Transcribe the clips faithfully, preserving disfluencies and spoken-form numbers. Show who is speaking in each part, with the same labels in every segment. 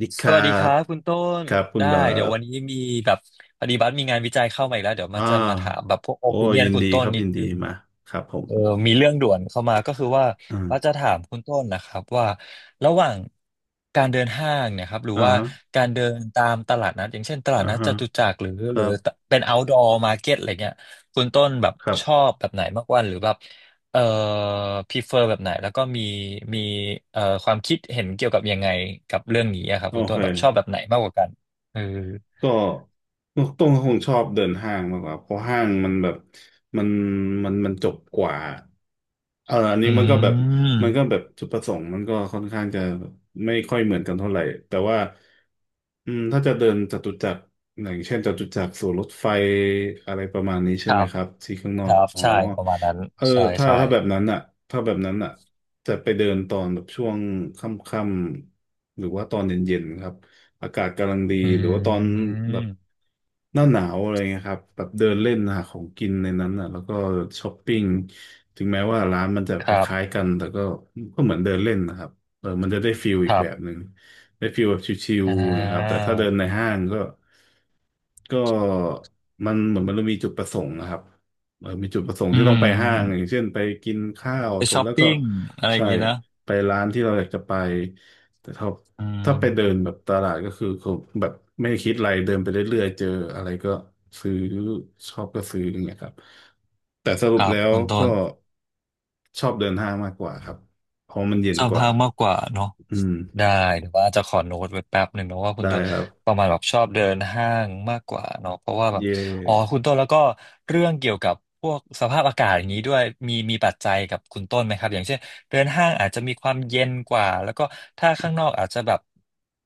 Speaker 1: ดีค
Speaker 2: ส
Speaker 1: รั
Speaker 2: วัสดีค
Speaker 1: บ
Speaker 2: รับคุณต้น
Speaker 1: ครับคุณ
Speaker 2: ได้
Speaker 1: บา
Speaker 2: เดี๋ยววันนี้
Speaker 1: บ
Speaker 2: มีแบบพอดีบัสมีงานวิจัยเข้ามาอีกแล้วเดี๋ยว
Speaker 1: อ่า
Speaker 2: มาจะมาถามแบบพวกโอ
Speaker 1: โอ้
Speaker 2: i ิเนียน
Speaker 1: ยิน
Speaker 2: คุณ
Speaker 1: ดี
Speaker 2: ต้
Speaker 1: ค
Speaker 2: น
Speaker 1: รับ
Speaker 2: นิ
Speaker 1: ยิ
Speaker 2: ด
Speaker 1: นดี
Speaker 2: นึง
Speaker 1: มาครับผม
Speaker 2: เออมีเรื่องด่วนเข้ามาก็คือว่า
Speaker 1: อืม
Speaker 2: ว่าจะถามคุณต้นนะครับว่าระหว่างการเดินห้างเนยครับหรือ
Speaker 1: อ่า
Speaker 2: ว่า
Speaker 1: ฮะ
Speaker 2: การเดินตามตลาดนัดอย่างเช่นตลาด
Speaker 1: อ่า
Speaker 2: นัดจ
Speaker 1: ฮะ
Speaker 2: ตุจักรหรือ
Speaker 1: ค
Speaker 2: หรื
Speaker 1: รั
Speaker 2: อ
Speaker 1: บ
Speaker 2: เป็น outdoor market อะไรเงี้ยคุณต้นแบบ
Speaker 1: ครั
Speaker 2: ชอ
Speaker 1: บ
Speaker 2: บแบบไหนมากกว่าหรือแบบเอ่อ prefer แบบไหนแล้วก็มีมีเอ่อความคิดเห็นเกี่ยวกับยังไงกับเรื่องนี้อะครับ
Speaker 1: โอ
Speaker 2: คุณต้
Speaker 1: เค
Speaker 2: นแบบชอบแบบไหนมากกว่ากันเออ
Speaker 1: ก็ต้องคงชอบเดินห้างมากกว่าเพราะห้างมันแบบมันมันมันจบกว่าเอออัน
Speaker 2: อื
Speaker 1: นี้มันก็แบบ
Speaker 2: ม
Speaker 1: มันก็แบบจุดประสงค์มันก็ค่อนข้างจะไม่ค่อยเหมือนกันเท่าไหร่แต่ว่าอืมถ้าจะเดินจตุจักรอย่างเช่นจตุจักรสู่รถไฟอะไรประมาณนี้
Speaker 2: ค
Speaker 1: ใช่
Speaker 2: รั
Speaker 1: ไหม
Speaker 2: บ
Speaker 1: ครับที่ข้างน
Speaker 2: ค
Speaker 1: อ
Speaker 2: รั
Speaker 1: ก
Speaker 2: บ
Speaker 1: อ๋อ
Speaker 2: ใช่ประมาณนั้น
Speaker 1: เออ
Speaker 2: ใช่
Speaker 1: ถ้า
Speaker 2: ใช่
Speaker 1: ถ้าแบบนั้นอ่ะถ้าแบบนั้นอ่ะจะไปเดินตอนแบบช่วงค่ำๆหรือว่าตอนเย็นๆครับ อากาศกำลังดี
Speaker 2: อื
Speaker 1: หรือว่าตอนแบบ
Speaker 2: ม
Speaker 1: หน้าหนาวอะไรเงี้ยครับแบบเดินเล่นหาของกินในนั้นอ่ะแล้วก็ช้อปปิ้งถึงแม้ว่าร้านมันจะ
Speaker 2: ค
Speaker 1: ค
Speaker 2: รับ
Speaker 1: ล้ายๆกันแต่ก็ก็เหมือนเดินเล่นนะครับเออมันจะได้ฟิลอี
Speaker 2: ค
Speaker 1: ก
Speaker 2: รั
Speaker 1: แบบห
Speaker 2: บ
Speaker 1: นึ่งได้ฟิลแบบชิล
Speaker 2: อ่
Speaker 1: ๆนะครับแต่
Speaker 2: า
Speaker 1: ถ้าเดินในห้างก็ก็มันเหมือนมันมีจุดประสงค์นะครับ เออมีจุดประสงค์
Speaker 2: อื
Speaker 1: ที่ต้องไปห้างอ
Speaker 2: ม
Speaker 1: ย่างเช่นไปกินข้าว
Speaker 2: ไป
Speaker 1: เสร็จ
Speaker 2: ช้อป
Speaker 1: แล้วก็
Speaker 2: ปิ้งอะไรอ
Speaker 1: ใช่
Speaker 2: ย่างงี้นะ
Speaker 1: ไปร้านที่เราอยากจะไปแต่ถ้า
Speaker 2: อื
Speaker 1: ถ้าไปเดินแบ
Speaker 2: ม
Speaker 1: บตลาดก็คือเขาแบบไม่คิดอะไรเดินไปเรื่อยๆเจออะไรก็ซื้อชอบก็ซื้ออย่างเงี้ยครับแต่สรุ
Speaker 2: ค
Speaker 1: ป
Speaker 2: รับ
Speaker 1: แล้ว
Speaker 2: คุณต้
Speaker 1: ก็
Speaker 2: น
Speaker 1: ชอบเดินห้างมากกว่าครับเพราะมันเย็น
Speaker 2: ชอบ
Speaker 1: กว่า
Speaker 2: ห้างมากกว่าเนอะ
Speaker 1: อืม
Speaker 2: ได้หรือว่าจะขอโน้ตไว้แป๊บหนึ่งเนอะว่าคุณ
Speaker 1: ได้
Speaker 2: ต้น
Speaker 1: ครับ
Speaker 2: ประมาณแบบชอบเดินห้างมากกว่าเนาะเพราะว่าแบบ
Speaker 1: เย่
Speaker 2: อ๋อคุณต้นแล้วก็เรื่องเกี่ยวกับพวกสภาพอากาศอย่างนี้ด้วยมีมีปัจจัยกับคุณต้นไหมครับอย่างเช่นเดินห้างอาจจะมีความเย็นกว่าแล้วก็ถ้าข้างนอกอาจจะแบบ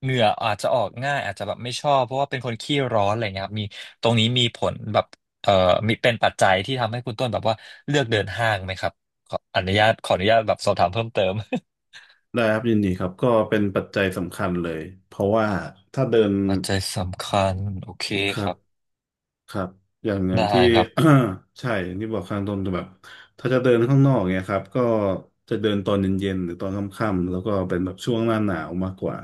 Speaker 2: เหงื่ออาจจะออกง่ายอาจจะแบบไม่ชอบเพราะว่าเป็นคนขี้ร้อนอะไรเงี้ยครับมีตรงนี้มีผลแบบเอ่อมีเป็นปัจจัยที่ทำให้คุณต้นแบบว่าเลือกเดินห้างไหมครับขออนุญาตขออนุญาตแบบสอบถามเพิ่มเติม
Speaker 1: ได้ครับยินดีครับก็เป็นปัจจัยสำคัญเลยเพราะว่าถ้าเดิน
Speaker 2: ปัจจัยสำคัญ โอเค
Speaker 1: ครั
Speaker 2: ค
Speaker 1: บ
Speaker 2: รับ
Speaker 1: ครับอย่างอย่า
Speaker 2: ได้
Speaker 1: งที่
Speaker 2: ครับ
Speaker 1: ใช่อย่างที่บอกข้างต้นจะแบบถ้าจะเดินข้างนอกเนี่ยครับก็จะเดินตอนเย็นๆหรือตอนค่ำๆแล้วก็เป็นแบบช่วงหน้าหนาวมากกว่า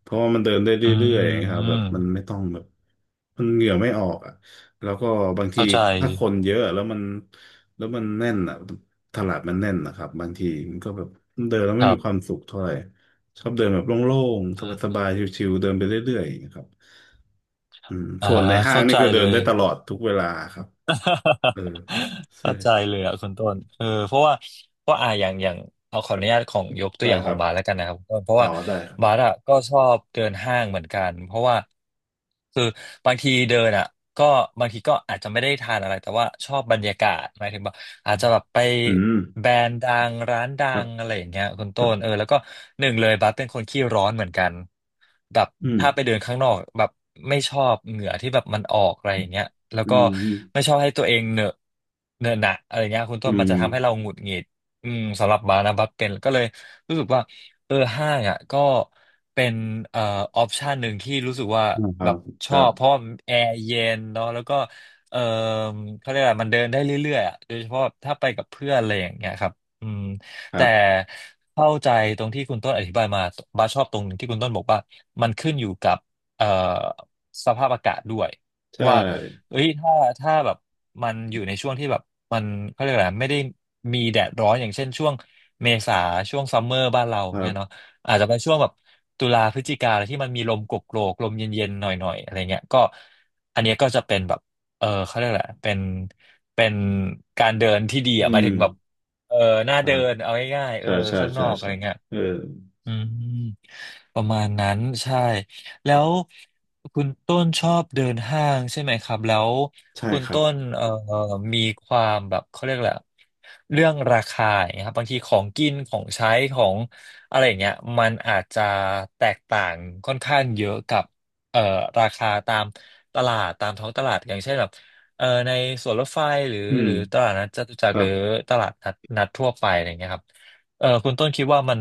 Speaker 1: เพราะว่ามันเดินได้เร
Speaker 2: อื
Speaker 1: ื่อย
Speaker 2: ม
Speaker 1: ๆค
Speaker 2: อื
Speaker 1: รับแบบ
Speaker 2: ม
Speaker 1: มันไม่ต้องแบบมันเหงื่อไม่ออกอ่ะแล้วก็บางที
Speaker 2: เข้าใจ
Speaker 1: ถ้าคนเยอะแล้วมันแล้วมันแน่นอ่ะตลาดมันแน่นนะครับบางทีมันก็แบบเดินแล้ว
Speaker 2: ค
Speaker 1: ไม่
Speaker 2: รั
Speaker 1: มีความ
Speaker 2: บ
Speaker 1: สุขเท่าไหร่ชอบเดินแบบโล่งๆสบายๆชิวๆเดินไปเรื่อยๆอย่างเงี้ยครับ อืม
Speaker 2: อ่า
Speaker 1: ส่วนในห้าง
Speaker 2: เข้า
Speaker 1: นี่
Speaker 2: ใจ
Speaker 1: คือเดิ
Speaker 2: เล
Speaker 1: น
Speaker 2: ย
Speaker 1: ได้ตลอดทุกเวลาครับเออ ใช่
Speaker 2: เข้าใจเลยอ่ะคุณต้นเออเพราะว่าเพราะอ่าอย่างอย่างเอาขออนุญาตของยกตั
Speaker 1: ได้
Speaker 2: วอย่าง
Speaker 1: ค
Speaker 2: ขอ
Speaker 1: รั
Speaker 2: ง
Speaker 1: บ
Speaker 2: บาสแล้วกันนะครับคุณต้นเพราะ
Speaker 1: อ๋อ
Speaker 2: ว่า
Speaker 1: ได้ครั
Speaker 2: บาส
Speaker 1: บ
Speaker 2: อ่ะก็ชอบเดินห้างเหมือนกันเพราะว่าคือบางทีเดินอ่ะก็บางทีก็อาจจะไม่ได้ทานอะไรแต่ว่าชอบบรรยากาศหมายถึงว่าอาจจะแบบไป
Speaker 1: อืม
Speaker 2: แบรนด์ดังร้านดั
Speaker 1: ครับ
Speaker 2: งอะไรอย่างเงี้ยคุณ
Speaker 1: ค
Speaker 2: ต้
Speaker 1: รับ
Speaker 2: นเออแล้วก็หนึ่งเลยบาสเป็นคนขี้ร้อนเหมือนกัน แบบ
Speaker 1: อืม
Speaker 2: ถ้าไปเดินข้างนอกแบบไม่ชอบเหงื่อที่แบบมันออกอะไรอย่างเงี้ยแล้ว
Speaker 1: อื
Speaker 2: ก็
Speaker 1: มอืม
Speaker 2: ไม่ชอบให้ตัวเองเหนอะเหนอะหนะอะไรเงี้ยคุณต้น
Speaker 1: อื
Speaker 2: มัน
Speaker 1: ม
Speaker 2: จะทำให้เราหงุดหงิดอืมสำหรับบาร์นะบัสเป็นก็เลยรู้สึกว่าเออห้างอ่ะก็เป็นเอ่อออปชันหนึ่งที่รู้สึกว่า
Speaker 1: อืมครั
Speaker 2: แบ
Speaker 1: บ
Speaker 2: บช
Speaker 1: ค
Speaker 2: อ
Speaker 1: รั
Speaker 2: บเพ
Speaker 1: บ
Speaker 2: ราะแอร์เย็นเนาะแล้วก็เออเขาเรียกอะไรมันเดินได้เรื่อยๆอ่ะโดยเฉพาะถ้าไปกับเพื่อนอะไรอย่างเงี้ยครับอืม
Speaker 1: ครั
Speaker 2: แต่
Speaker 1: บ
Speaker 2: เข้าใจตรงที่คุณต้นอธิบายมาบาสชอบตรงที่คุณต้นบอกว่ามันขึ้นอยู่กับเอ่อสภาพอากาศด้วย
Speaker 1: ใช่
Speaker 2: ว่าเอ้ยถ้าถ้าแบบมันอยู่ในช่วงที่แบบมันเขาเรียกอะไรไม่ได้มีแดดร้อนอย่างเช่นช่วงเมษาช่วงซัมเมอร์บ้านเรา
Speaker 1: ครั
Speaker 2: เงี้ยเนาะ
Speaker 1: บ
Speaker 2: อาจจะไปช่วงแบบตุลาพฤศจิกาอะไรที่มันมีลมโกโกรกๆลมเย็นๆหน่อยๆอะไรเงี้ยก็อันเนี้ยก็จะเป็นแบบเออเขาเรียกแหละไรเป็นเป็นการเดินที่ดี
Speaker 1: อื
Speaker 2: อ่ะหมาย
Speaker 1: ม
Speaker 2: ถึงแบบ เออหน้า
Speaker 1: ครั
Speaker 2: เดิ
Speaker 1: บ
Speaker 2: น เอาง่ายๆเออ
Speaker 1: ใช่ใช่
Speaker 2: ข้างน
Speaker 1: ใช่
Speaker 2: อกอะ
Speaker 1: ใช่
Speaker 2: ไรเงี้ย
Speaker 1: เออ
Speaker 2: อืมประมาณนั้นใช่แล้วคุณต้นชอบเดินห้างใช่ไหมครับแล้ว
Speaker 1: ใช่
Speaker 2: คุณ
Speaker 1: ครั
Speaker 2: ต้
Speaker 1: บ
Speaker 2: นเอ่อมีความแบบเขาเรียกแหละไรอะเรื่องราคาอย่างเงี้ยครับบางทีของกินของใช้ของอะไรอย่างเงี้ยมันอาจจะแตกต่างค่อนข้างเยอะกับเอ่อราคาตามตลาดตามท้องตลาดอย่างเช่นแบบเอ่อในสวนรถไฟหรือ
Speaker 1: อื
Speaker 2: ห
Speaker 1: ม
Speaker 2: รือตลาดนัดจตุจั
Speaker 1: ค
Speaker 2: กรห
Speaker 1: รั
Speaker 2: รือ
Speaker 1: บ
Speaker 2: ตลาดนัดนัดทั่วไปอะไรอย่างเงี้ยครับเออคุณต้นคิดว่ามัน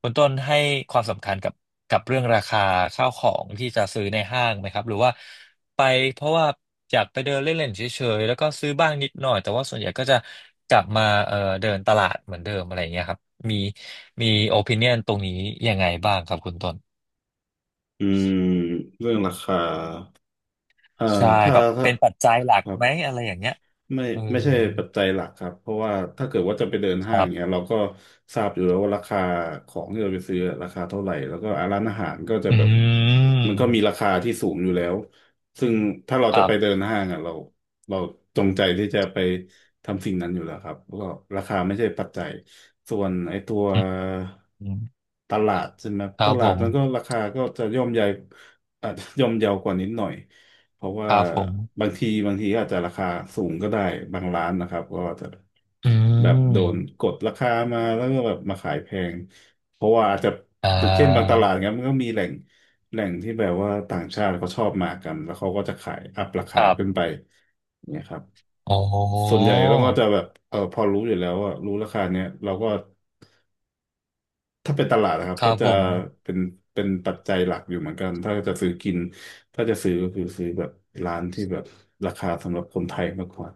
Speaker 2: คุณต้นให้ความสำคัญกับกับเรื่องราคาข้าวของที่จะซื้อในห้างไหมครับหรือว่าไปเพราะว่าอยากไปเดินเล่นๆเฉยๆแล้วก็ซื้อบ้างนิดหน่อยแต่ว่าส่วนใหญ่ก็จะกลับมาเอ่อเดินตลาดเหมือนเดิมอะไรอย่างเงี้ยครับมีมีโอ i ิเนียนตรงนี้ยังไงบ้างครับคุณต้น
Speaker 1: อืมเรื่องราคาอ่า
Speaker 2: ใช่
Speaker 1: ถ้า
Speaker 2: แบบ
Speaker 1: ถ้า
Speaker 2: เป็นปัจจัยหลั
Speaker 1: ค
Speaker 2: ก
Speaker 1: รับ
Speaker 2: ไหมอะไรอย่างเงี้ย
Speaker 1: ไม่
Speaker 2: เออ
Speaker 1: ไม่ใช่ปัจจัยหลักครับเพราะว่าถ้าเกิดว่าจะไปเดิน
Speaker 2: ค
Speaker 1: ห้าง
Speaker 2: รั
Speaker 1: เนี้ย
Speaker 2: บ
Speaker 1: เราก็ทราบอยู่แล้วว่าราคาของที่เราไปซื้อราคาเท่าไหร่แล้วก็อะร้านอาหารก็จะ
Speaker 2: อื
Speaker 1: แบบมันก็มีรา
Speaker 2: ม
Speaker 1: คาที่สูงอยู่แล้วซึ่งถ้าเรา
Speaker 2: ค
Speaker 1: จะ
Speaker 2: รั
Speaker 1: ไปเดิ
Speaker 2: บ
Speaker 1: นห้างอ่ะเราเราจงใจที่จะไปทำสิ่งนั้นอยู่แล้วครับแล้วก็ราคาไม่ใช่ปัจจัยส่วนไอ้ตัว
Speaker 2: อืม
Speaker 1: ตลาดใช่ไหม
Speaker 2: ค
Speaker 1: ต
Speaker 2: รับ
Speaker 1: ลา
Speaker 2: ผ
Speaker 1: ด
Speaker 2: ม
Speaker 1: มันก็ราคาก็จะย่อมใหญ่อาจจะย่อมเยาวกว่านิดหน่อย เพราะ
Speaker 2: ค
Speaker 1: ว่า
Speaker 2: รับผม
Speaker 1: บางทีบางทีอาจจะราคาสูงก็ได้บางร้านนะครับก็อาจจะ
Speaker 2: อื
Speaker 1: แบบโดน
Speaker 2: ม
Speaker 1: กดราคามาแล้วก็แบบมาขายแพงเพราะว่าอาจจะ
Speaker 2: อ่
Speaker 1: เช่นบางต
Speaker 2: า
Speaker 1: ลาดเนี้ยมันก็มีแหล่งแหล่งที่แบบว่าต่างชาติเขาชอบมากันแล้วเขาก็จะขายอัพรา
Speaker 2: ค
Speaker 1: คา
Speaker 2: รั
Speaker 1: ขึ้น
Speaker 2: บ
Speaker 1: ไปเนี่ยครับ
Speaker 2: อ๋อ
Speaker 1: ส่วนใหญ่เราก็จะแบบเออพอรู้อยู่แล้วว่ารู้ราคาเนี้ยเราก็ ถ้าเป็นตลาดนะครับ
Speaker 2: ค
Speaker 1: ก็
Speaker 2: รับ
Speaker 1: จะ
Speaker 2: ผม
Speaker 1: เป็นเป็นปัจจัยหลักอยู่เหมือนกันถ้าจะซื้อกินถ้าจะซื้อก็คือซื้อแบบร้านที่แบบราคาสำหรับคนไทยมากกว่า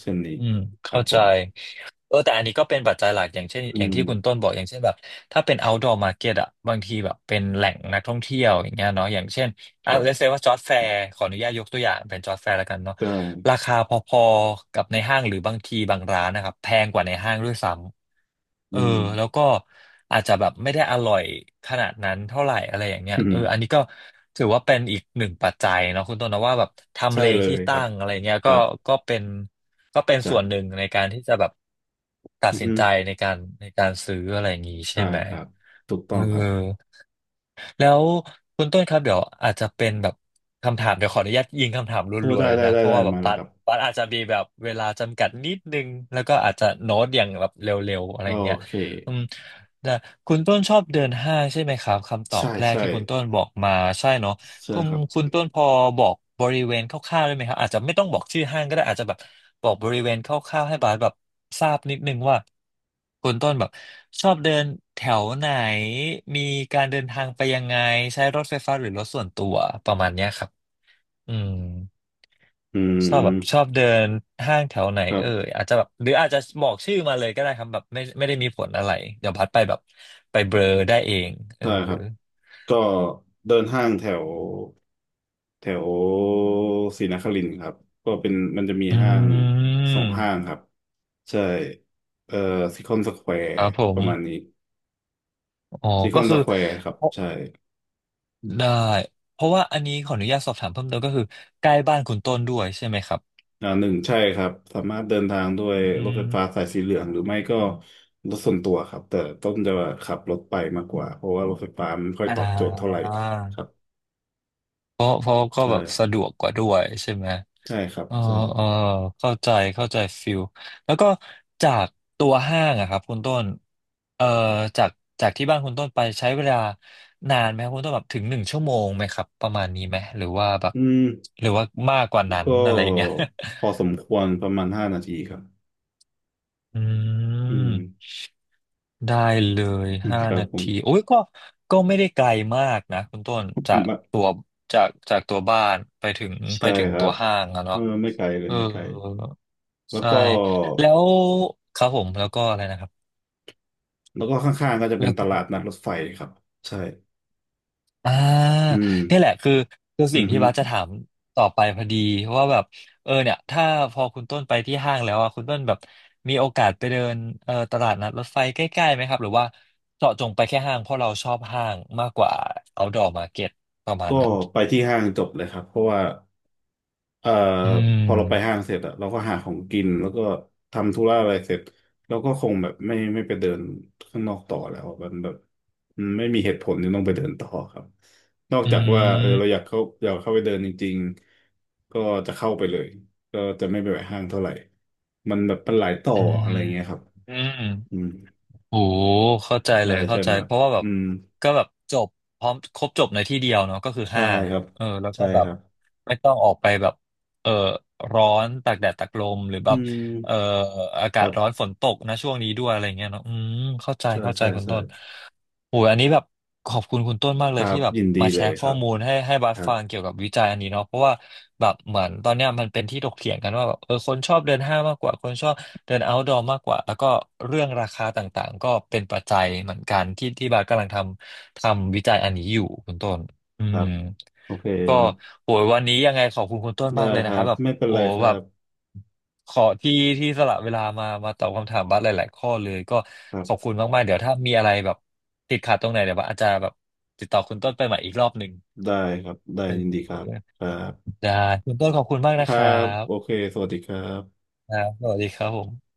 Speaker 1: เช่นนี้
Speaker 2: อืม
Speaker 1: ครั
Speaker 2: เข้า
Speaker 1: บผ
Speaker 2: ใจ
Speaker 1: ม
Speaker 2: เออแต่อันนี้ก็เป็นปัจจัยหลักอย่างเช่น
Speaker 1: อื
Speaker 2: อย่าง
Speaker 1: ม
Speaker 2: ที่คุณต้นบอกอย่างเช่นแบบถ้าเป็น outdoor market อะบางทีแบบเป็นแหล่งนักท่องเที่ยวอย่างเงี้ยเนาะอย่างเช่น
Speaker 1: ค
Speaker 2: อ่ะ
Speaker 1: รั
Speaker 2: let's
Speaker 1: บ
Speaker 2: say ว่าจอร์จแฟร์ขออนุญาตยกตัวอย่างเป็นจอร์จแฟร์แล้วกันเนาะ
Speaker 1: ก็
Speaker 2: ราคาพอๆกับในห้างหรือบางทีบางร้านนะครับแพงกว่าในห้างด้วยซ้ำเอ
Speaker 1: อื
Speaker 2: อ
Speaker 1: ม
Speaker 2: แล้วก็อาจจะแบบไม่ได้อร่อยขนาดนั้นเท่าไหร่อะไรอย่างเงี้ย
Speaker 1: อืม
Speaker 2: เอออันนี้ก็ถือว่าเป็นอีกหนึ่งปัจจัยเนาะคุณต้นนะว่าแบบทำ
Speaker 1: ใช่
Speaker 2: เล
Speaker 1: เล
Speaker 2: ที่
Speaker 1: ยค
Speaker 2: ตั้
Speaker 1: รับ
Speaker 2: งอะไรเงี้ย
Speaker 1: ค
Speaker 2: ก็
Speaker 1: รับ
Speaker 2: ก็เป็นก็เป็น
Speaker 1: จ้ะ
Speaker 2: ส่วนหนึ่งในการที่จะแบบตัด
Speaker 1: อือ
Speaker 2: สิน
Speaker 1: ฮึ
Speaker 2: ใจในการในการซื้ออะไรอย่างงี้ใช่
Speaker 1: ใช่
Speaker 2: ไหม
Speaker 1: ครับถูก
Speaker 2: เอ
Speaker 1: ต้อ
Speaker 2: อ
Speaker 1: งครับ
Speaker 2: แล้วคุณต้นครับเดี๋ยวอาจจะเป็นแบบคำถามเดี๋ยวขออนุญาตยิงคำถามร
Speaker 1: พูด
Speaker 2: ัวๆ
Speaker 1: ได้
Speaker 2: เลย
Speaker 1: ได้
Speaker 2: นะ
Speaker 1: ได้
Speaker 2: เพราะ
Speaker 1: ได้
Speaker 2: ว่าแบบ
Speaker 1: มาเล
Speaker 2: ปั
Speaker 1: ยค
Speaker 2: ด
Speaker 1: รับ
Speaker 2: ปัดอาจจะมีแบบเวลาจำกัดนิดนึงแล้วก็อาจจะโน้ตอย่างแบบเร็วๆอะไร
Speaker 1: โอ
Speaker 2: อย่างเงี้ย
Speaker 1: เค
Speaker 2: อืมแต่คุณต้นชอบเดินห้างใช่ไหมครับคำตอบ
Speaker 1: ใช่
Speaker 2: แรก
Speaker 1: ใช่
Speaker 2: ที่คุณต้นบอกมาใช่เนาะ
Speaker 1: ใช่
Speaker 2: คุณ
Speaker 1: ครับ
Speaker 2: คุณต้นพอบอกบริเวณคร่าวๆได้ไหมครับอาจจะไม่ต้องบอกชื่อห้างก็ได้อาจจะแบบบอกบริเวณคร่าวๆให้บาสแบบทราบนิดนึงว่าคุณต้นแบบชอบเดินแถวไหนมีการเดินทางไปยังไงใช้รถไฟฟ้าหรือรถส่วนตัวประมาณเนี้ยครับอืม
Speaker 1: อื
Speaker 2: ชอบแบบช
Speaker 1: ม
Speaker 2: อบเดินห้างแถวไหน
Speaker 1: ครั
Speaker 2: เออ
Speaker 1: บ
Speaker 2: อาจจะแบบหรืออาจจะบอกชื่อมาเลยก็ได้ครับแบบไม่ไม่ได้มีผลอะไรเดี๋ยวพัดไปแบบไปเบลอได้เองเออ
Speaker 1: ใช่ครับก็เดินห้างแถวแถวศรีนครินทร์ครับก็เป็นมันจะมี
Speaker 2: อื
Speaker 1: ห้างสองห้าง
Speaker 2: ม
Speaker 1: ครับใช่เอ่อซิคอนสแควร์
Speaker 2: ครับผ
Speaker 1: ประมาณนี้
Speaker 2: ม อ๋อ
Speaker 1: ซิค
Speaker 2: ก็
Speaker 1: อนส
Speaker 2: คือ
Speaker 1: แควร์ครับ
Speaker 2: เพราะ
Speaker 1: ใช่
Speaker 2: ได้เพราะว่าอันนี้ขออนุญาตสอบถามเพิ่มเติมก็คือใกล้บ้านคุณต้นด้วยใช่ไหมครับ
Speaker 1: อ่าหนึ่งใช่ครับสามารถเดินทางด้วย
Speaker 2: อื
Speaker 1: รถไฟฟ้า
Speaker 2: ม
Speaker 1: สายสีเหลืองหรือไม่ก็รถส่วนตัวครับแต่ต้องจะขับรถไปมากกว่าเพราะว่ารถไฟฟ้ามันไม่ค่อย
Speaker 2: อ่
Speaker 1: ตอบโจทย์เท่าไหร่
Speaker 2: า
Speaker 1: ครับ
Speaker 2: เพราะเพราะก็
Speaker 1: ใช่
Speaker 2: แบบสะดวกกว่าด้วยใช่ไหม
Speaker 1: ใช่ครับ
Speaker 2: เออ
Speaker 1: ใช่
Speaker 2: เออเข้าใจเข้าใจฟิลแล้วก็จากตัวห้างอะครับคุณต้นเอ่อจากจากที่บ้านคุณต้นไปใช้เวลานานไหมครับคุณต้นแบบถึงหนึ่งชั่วโมงไหมครับประมาณนี้ไหมหรือว่าแบบ
Speaker 1: อืม
Speaker 2: หรือว่ามากกว่านั้น
Speaker 1: ก็
Speaker 2: อะไรอย่างเงี้ย
Speaker 1: พอสมควรประมาณห้านาทีครับ
Speaker 2: อื
Speaker 1: อื
Speaker 2: ม
Speaker 1: ม
Speaker 2: ได้เลยห้า
Speaker 1: ครับ
Speaker 2: นา
Speaker 1: ผม
Speaker 2: ทีโอ้ยก็ก็ไม่ได้ไกลมากนะคุณต้นจาก
Speaker 1: ไม
Speaker 2: ตัวจากจากตัวบ้านไปถึงไป
Speaker 1: ใช่
Speaker 2: ถึง
Speaker 1: ครั
Speaker 2: ตัว
Speaker 1: บ
Speaker 2: ห้างอะ
Speaker 1: เอ
Speaker 2: เนาะ
Speaker 1: อไม่ไกลเลย
Speaker 2: เออ
Speaker 1: ไม่ไกลแล้ว
Speaker 2: ใช่
Speaker 1: ก็
Speaker 2: แล้วครับผมแล้วก็อะไรนะครับ
Speaker 1: แล้วก็ข้างๆก็จะเป็นตลาดนัดรถไฟครับใช่
Speaker 2: อ่า
Speaker 1: อืม
Speaker 2: เนี่ยแหละคือคือสิ่
Speaker 1: อื
Speaker 2: ง
Speaker 1: อ
Speaker 2: ที่
Speaker 1: ฮึ
Speaker 2: บัสจะถามต่อไปพอดีว่าแบบเออเนี่ยถ้าพอคุณต้นไปที่ห้างแล้วอ่ะคุณต้นแบบมีโอกาสไปเดินเอ่อตลาดนัดรถไฟใกล้ๆไหมครับหรือว่าเจาะจงไปแค่ห้างเพราะเราชอบห้างมากกว่า outdoor market ประมาณ
Speaker 1: ก็
Speaker 2: นั้น
Speaker 1: ไปที่ห้างจบเลยครับเพราะว่า เอ่อ
Speaker 2: อื
Speaker 1: พอเราไปห้า
Speaker 2: ม
Speaker 1: งเสร็จอะเราก็หาของกินแล้วก็ทำธุระอะไรเสร็จเราก็คงแบบไม่ไม่ไปเดินข้างนอกต่อแล้วมันแบบมันไม่มีเหตุผลที่ต้องไปเดินต่อครับนอก
Speaker 2: อื
Speaker 1: จากว่าเออเราอยาก
Speaker 2: ม
Speaker 1: เข้าอยากเข้าไปเดินจริงๆก็จะเข้าไปเลยก็จะไม่ไปแวะห้างเท่าไหร่มันแบบมันหลายต่อ
Speaker 2: อืม
Speaker 1: อะไรเงี้ยครับ
Speaker 2: อืม
Speaker 1: อืม
Speaker 2: โอ้เข้าใจเล
Speaker 1: ใช่
Speaker 2: ยเข้า
Speaker 1: ใช่ไห
Speaker 2: ใจ
Speaker 1: มครั
Speaker 2: เพ
Speaker 1: บ
Speaker 2: ราะว่าแบ
Speaker 1: อื
Speaker 2: บ
Speaker 1: ม
Speaker 2: ก็แบบจบพร้อมครบจบในที่เดียวเนาะก็คือ
Speaker 1: ใช่
Speaker 2: ห้าง
Speaker 1: ครับ
Speaker 2: เออแล้วก็
Speaker 1: ใช่
Speaker 2: แบ
Speaker 1: ค
Speaker 2: บ
Speaker 1: รับ
Speaker 2: ไม่ต้องออกไปแบบเออร้อนตากแดดตากลมหรือแบ
Speaker 1: อื
Speaker 2: บเออ
Speaker 1: ม
Speaker 2: อา
Speaker 1: ค
Speaker 2: กาศ
Speaker 1: รั
Speaker 2: ร้อน
Speaker 1: บ
Speaker 2: ฝนตกนะช่วงนี้ด้วยอะไรเงี้ยเนาะอืมเข้าใจ
Speaker 1: ใช่
Speaker 2: เข้าใจ
Speaker 1: ใช่
Speaker 2: คุณ
Speaker 1: ใช่
Speaker 2: ต้น โอ้ยอันนี้แบบขอบคุณคุณต้นมาก
Speaker 1: ค
Speaker 2: เลย
Speaker 1: รับ
Speaker 2: ที่แบบ
Speaker 1: ยินดี
Speaker 2: มาแช
Speaker 1: เลย
Speaker 2: ร์
Speaker 1: ค
Speaker 2: ข้อ
Speaker 1: รับ
Speaker 2: มูลให้ให้
Speaker 1: ค
Speaker 2: บัส
Speaker 1: รั
Speaker 2: ฟัง
Speaker 1: บ
Speaker 2: เกี่ยวกับวิจัยอันนี้เนาะเพราะว่าแบบเหมือนตอนเนี้ยมันเป็นที่ถกเถียงกันว่าแบบเออคนชอบเดินห้างมากกว่าคนชอบเดินเอาท์ดรมากกว่าแล้วก็เรื่องราคาต่างๆก็เป็นปัจจัยเหมือนกันที่ที่บัสกำลังทำทำวิจัยอันนี้อยู่คุณต้นอื
Speaker 1: ครั
Speaker 2: ม
Speaker 1: บ โอเค
Speaker 2: ก็
Speaker 1: ครับ
Speaker 2: โหยวันนี้ยังไงขอบคุณคุณต้น
Speaker 1: ได้
Speaker 2: มากเลย
Speaker 1: ค
Speaker 2: นะ
Speaker 1: รั
Speaker 2: ครับ
Speaker 1: บ
Speaker 2: แบบ
Speaker 1: ไม่เป็น
Speaker 2: โอ้
Speaker 1: ไรครั
Speaker 2: แบบ
Speaker 1: บ
Speaker 2: ขอที่ที่สละเวลามามาตอบคำถามบัสหลายๆข้อเลยก็
Speaker 1: ครั
Speaker 2: ขอบ
Speaker 1: บ
Speaker 2: คุณมากๆเดี๋ยวถ้ามีอะไรแบบติดขัดตรงไหนเดี๋ยวบัสอาจจะแบบติดต่อคุณต้นไปใหม่อีกรอบหนึ่ง
Speaker 1: ได้ครับได้
Speaker 2: เอ
Speaker 1: ยินดี
Speaker 2: อ
Speaker 1: ครับครับ
Speaker 2: ได้คุณต้นขอบคุณมาก
Speaker 1: ค
Speaker 2: นะค
Speaker 1: รั
Speaker 2: รั
Speaker 1: บโอ
Speaker 2: บ
Speaker 1: เคสวัสดีครับ
Speaker 2: ครับสวัสดีครับผม